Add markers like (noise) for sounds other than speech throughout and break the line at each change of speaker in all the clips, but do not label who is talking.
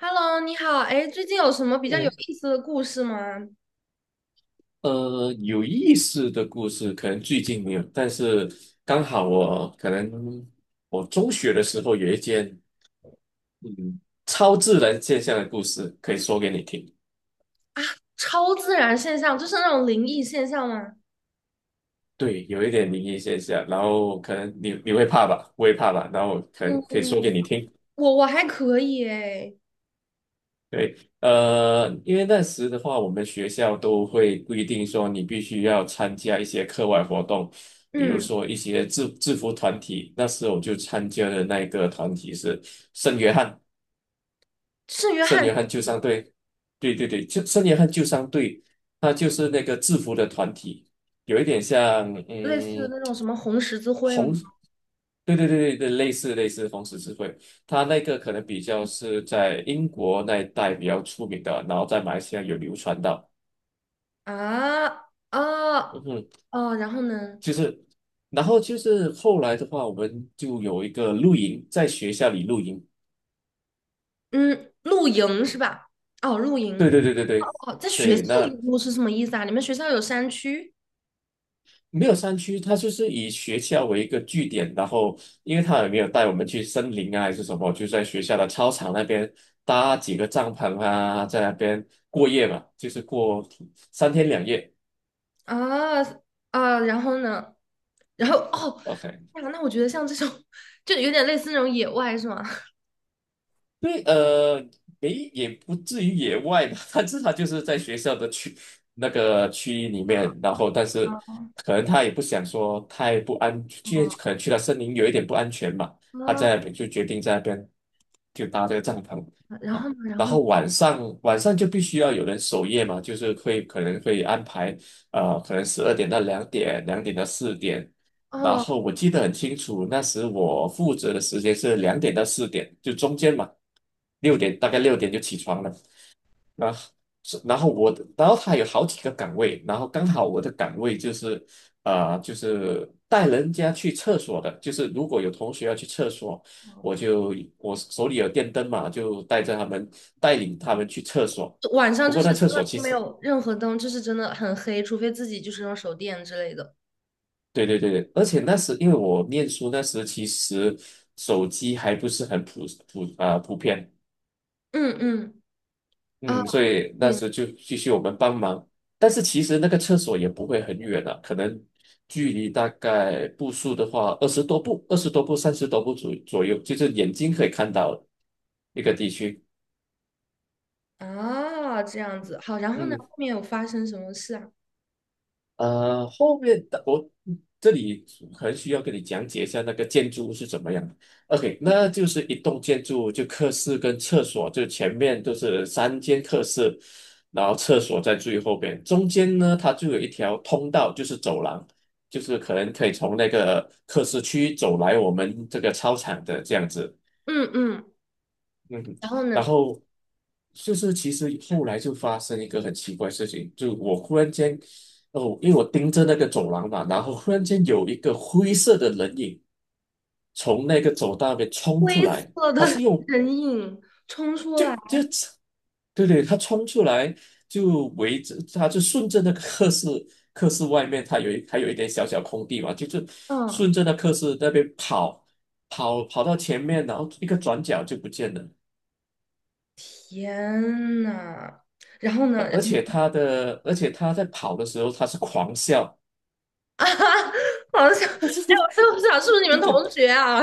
Hello,你好，哎，最近有什么比较有
哎，
意思的故事吗？
有意思的故事可能最近没有，但是刚好我可能我中学的时候有一件嗯超自然现象的故事可以说给你听。
啊，超自然现象，就是那种灵异现象吗？
对，有一点灵异现象，然后可能你会怕吧，我也怕吧，然后可能可以说
嗯，
给你听。
我还可以哎，
对，因为那时的话，我们学校都会规定说，你必须要参加一些课外活动，比如
嗯，
说一些制服团体。那时候我就参加的那一个团体是圣约翰，
圣约
圣
翰是
约
什
翰救
么？
伤队。对对对，就圣约翰救伤队，它就是那个制服的团体，有一点像
类似那种什么红十字会吗？
红，对对对对对，类似红十字会。它那个可能比较是在英国那一带比较出名的，然后在马来西亚有流传到。
啊
嗯
啊，
哼，
哦，然后呢？
就是，然后就是后来的话，我们就有一个露营，在学校里露营。
嗯，露营是吧？哦，露营，
对对对对对
哦，在学
对，
校里
那
露是什么意思啊？你们学校有山区？
没有山区，它就是以学校为一个据点，然后因为他也没有带我们去森林啊还是什么，就在学校的操场那边搭几个帐篷啊，在那边过夜嘛，就是过三天两夜。
啊，啊，然后呢？然后哦，
OK，
呀，那我觉得像这种就有点类似那种野外是吗？
对，没也不至于野外吧，(laughs) 但是他至少就是在学校的区那个区域里面，然后但是
哦，
可能他也不想说太不安，去可能去了森林有一点不安全嘛，他
啊，
在那边就决定在那边就搭这个帐篷
(laughs) 然
啊，
后呢，然
然
后呢？
后晚上就必须要有人守夜嘛，就是会可能会安排可能12点到两点，两点到四点，然
哦，
后我记得很清楚，那时我负责的时间是两点到四点，就中间嘛，大概六点就起床了。然后是然后我的，然后他有好几个岗位，然后刚好我的岗位就是，就是带人家去厕所的，就是如果有同学要去厕所，我手里有电灯嘛，就带着他们带领他们去厕所。
晚上
不
就
过
是
那
真
厕
的
所其
就没
实
有任何灯，就是真的很黑，除非自己就是用手电之类的。
对对对对，而且那时因为我念书那时其实手机还不是很普遍，
嗯嗯，啊，
嗯，所以那
对，
时就继续我们帮忙，但是其实那个厕所也不会很远啊，可能距离大概步数的话二十多步、30多步左右，就是眼睛可以看到的一个地区。
啊，这样子好。然后呢，
嗯，
后面有发生什么事啊？
后面的我这里可能需要跟你讲解一下那个建筑物是怎么样的 OK，那就是一栋建筑物就客室跟厕所，就前面都是3间客室，然后厕所在最后边，中间呢它就有一条通道，就是走廊，就是可能可以从那个客室区走来我们这个操场的这样子。
嗯嗯，
嗯，
然后呢，
然后就是其实后来就发生一个很奇怪的事情，就我忽然间，哦，因为我盯着那个走廊嘛，然后忽然间有一个灰色的人影从那个走道那边冲出
灰
来，
色的
他是
(laughs)
用
人影，冲出
就
来，
就对对，他冲出来就围着，他就顺着那个课室，课室外面他还有一点小小空地嘛，就是顺
嗯，
着那课室那边跑，跑到前面，然后一个转角就不见了。
天呐，然后呢？
而且他的，而且他在跑的时候，他是狂笑，
啊，(laughs) 好像，哎，
(laughs)
我就想是不是你
对
们
对，
同学啊？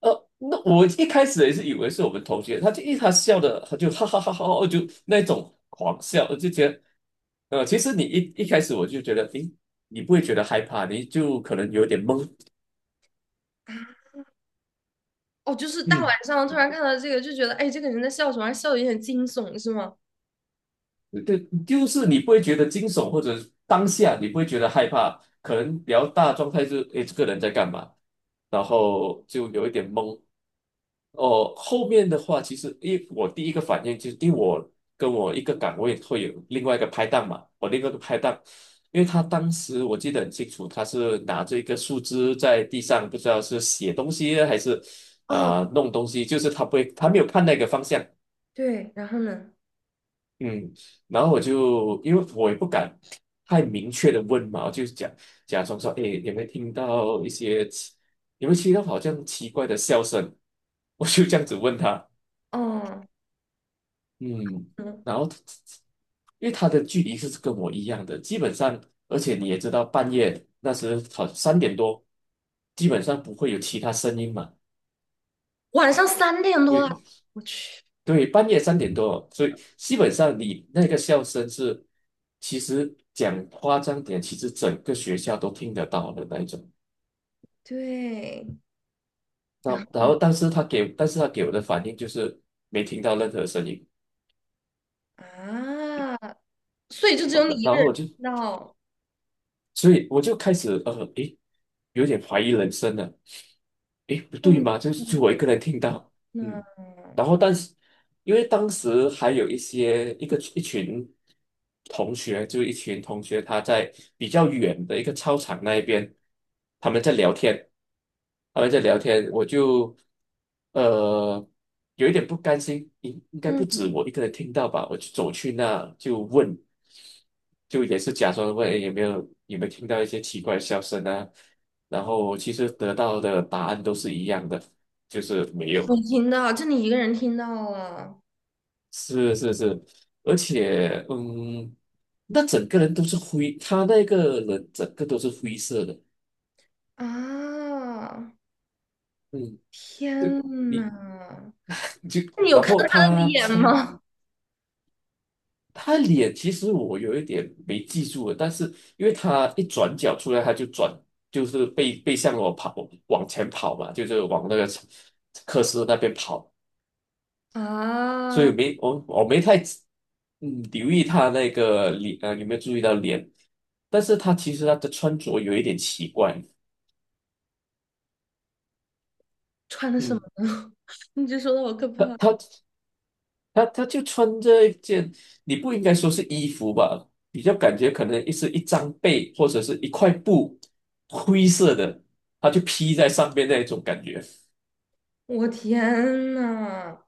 那我一开始也是以为是我们同学，他笑的，他就哈哈哈哈哈，就那种狂笑，我就觉得，其实你一开始我就觉得，诶，你不会觉得害怕，你就可能有点懵，
哦，就是大晚
嗯。
上突然看到这个，就觉得，哎，这个人在笑什么？还笑的有点惊悚，是吗？
对，就是你不会觉得惊悚，或者当下你不会觉得害怕，可能比较大的状态就是，诶，这个人在干嘛？然后就有一点懵。哦，后面的话，其实因为我第一个反应就是，因为我跟我一个岗位会有另外一个拍档嘛，我另外一个拍档，因为他当时我记得很清楚，他是拿着一个树枝在地上，不知道是写东西还是
哦，
弄东西，就是他不会，他没有看那个方向。
对，然后呢？
嗯，然后我就因为我也不敢太明确的问嘛，我就假装说，哎，有没有听到好像奇怪的笑声？我就这样子问他，
哦，
嗯，
嗯，
然后他因为他的距离是跟我一样的，基本上，而且你也知道，半夜那时好三点多，基本上不会有其他声音嘛。
晚上三点多了，我去，
对，半夜三点多，所以基本上你那个笑声是，其实讲夸张点，其实整个学校都听得到的那一种。
对，
那
然后，
然后，但是他给我的反应就是没听到任何声音，
啊，所以就只有你一
然
个
后
人
我就，
听到，
所以我就开始诶，有点怀疑人生了，诶，不对
嗯，
吗？就是就我一个人听到，
那，
嗯。然后但是因为当时还有一群同学，就一群同学他在比较远的一个操场那一边，他们在聊天，他们在聊天，我就呃有一点不甘心，应该不
嗯，
止我一个人听到吧，我就走去那就问。就也是假装问诶有没有听到一些奇怪的笑声啊，然后其实得到的答案都是一样的，就是没有。
我听到，就你一个人听到了。
是是是，而且嗯，那整个人都是灰，他那个人整个都是灰色的，
啊！
嗯，就
天呐，
你就
那你有
然
看
后
到他的
他
脸
从，
吗？
其实我有一点没记住了，但是因为他一转角出来，他就转，就是背向我跑，往前跑嘛，就是往那个科斯那边跑，所以
啊，
没我我没太留意他那个脸啊，有没有注意到脸？但是他其实他的穿着有一点奇怪，
穿的什么？
嗯，
你这说的好可
他
怕！
他他就穿着一件，你不应该说是衣服吧，比较感觉可能是一张被或者是一块布，灰色的，他就披在上面那一种感觉。
我天呐，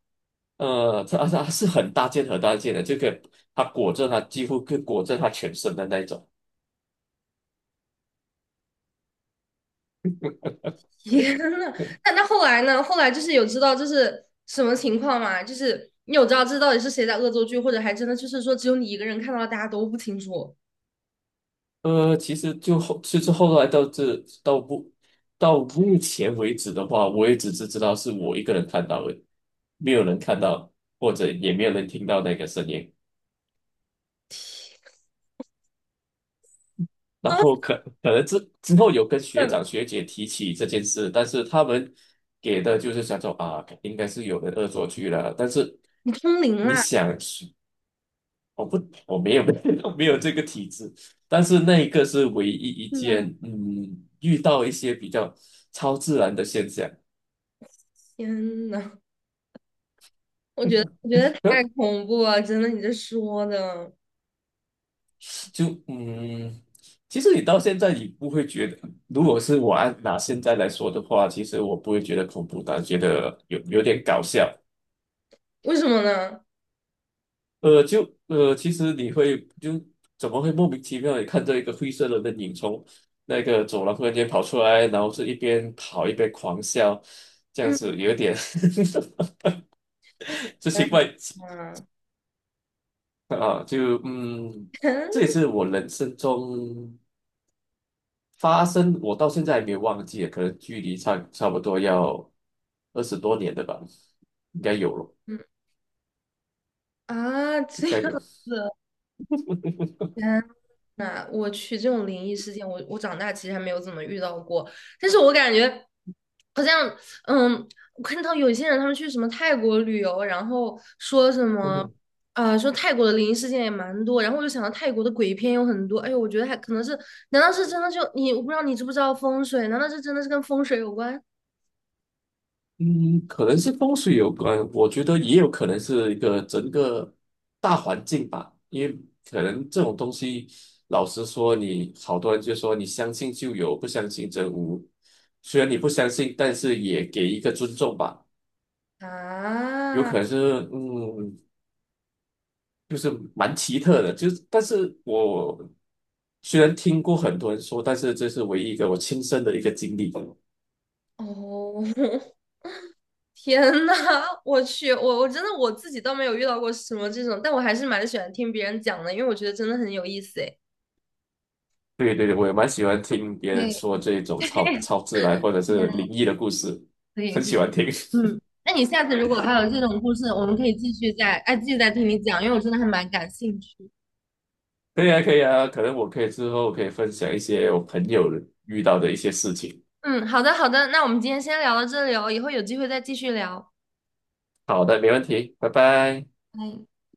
他它是很大件很大件的，这个他裹着他几乎可以裹着他全身的那一种。
天呐！
(laughs)
那那后来呢？后来就是有知道这是什么情况吗？就是你有知道这到底是谁在恶作剧，或者还真的就是说只有你一个人看到了，大家都不清楚？
其实其实后来到目到目前为止的话，我也只是知道是我一个人看到的，没有人看到，或者也没有人听到那个声音。然后可能之后有跟
啊，
学长学姐提起这件事，但是他们给的就是想说啊，应该是有人恶作剧了。但是
你通灵
你
啦！
想，我不，我没有 (laughs) 没有这个体质，但是那一个是唯一一
天呐，
件，嗯，遇到一些比较超自然的现象，
天呐，我觉得太
呃，
恐怖了，真的，你这说的，
就嗯，其实你到现在你不会觉得，如果是我按拿现在来说的话，其实我不会觉得恐怖但觉得有点搞笑，
为什么呢？
其实你会就怎么会莫名其妙地看到一个灰色的人影从那个走廊忽然间跑出来，然后是一边跑一边狂笑，这样
嗯
子有一点 (laughs) 这奇怪 (laughs)
啊，
啊，这也是我人生中我到现在还没有忘记啊，可能距离差不多要20多年的吧，应该有了，
嗯
应
这样
该有。
子。那我去这种灵异事件，我我长大其实还没有怎么遇到过，但是我感觉好像，嗯，我看到有些人他们去什么泰国旅游，然后说什么，
(laughs)
啊，说泰国的灵异事件也蛮多，然后我就想到泰国的鬼片有很多，哎呦，我觉得还可能是，难道是真的就你，我不知道你知不知道风水，难道这真的是跟风水有关？
嗯，可能是风水有关，我觉得也有可能是一个整个大环境吧，因为可能这种东西，老实说你，好多人就说你相信就有，不相信则无。虽然你不相信，但是也给一个尊重吧。有
啊？
可能是，嗯，就是蛮奇特的，就是，但是我虽然听过很多人说，但是这是唯一一个我亲身的一个经历。
哦，(laughs) 天呐，我去，我真的我自己倒没有遇到过什么这种，但我还是蛮喜欢听别人讲的，因为我觉得真的很有意思诶。
对对对，我也蛮喜欢听别人
对，
说这种超自然或者是灵
嗯，
异的故事，
可以可
很喜
以，
欢听。(laughs)
嗯，那你下次如果还有这种故事，我们可以继续再，哎，继续再听你讲，因为我真的还蛮感兴趣。
可以啊，可以啊，可能我可以之后可以分享一些我朋友遇到的一些事情。
嗯，好的好的，那我们今天先聊到这里哦，以后有机会再继续聊。
好的，没问题，拜拜。
哎。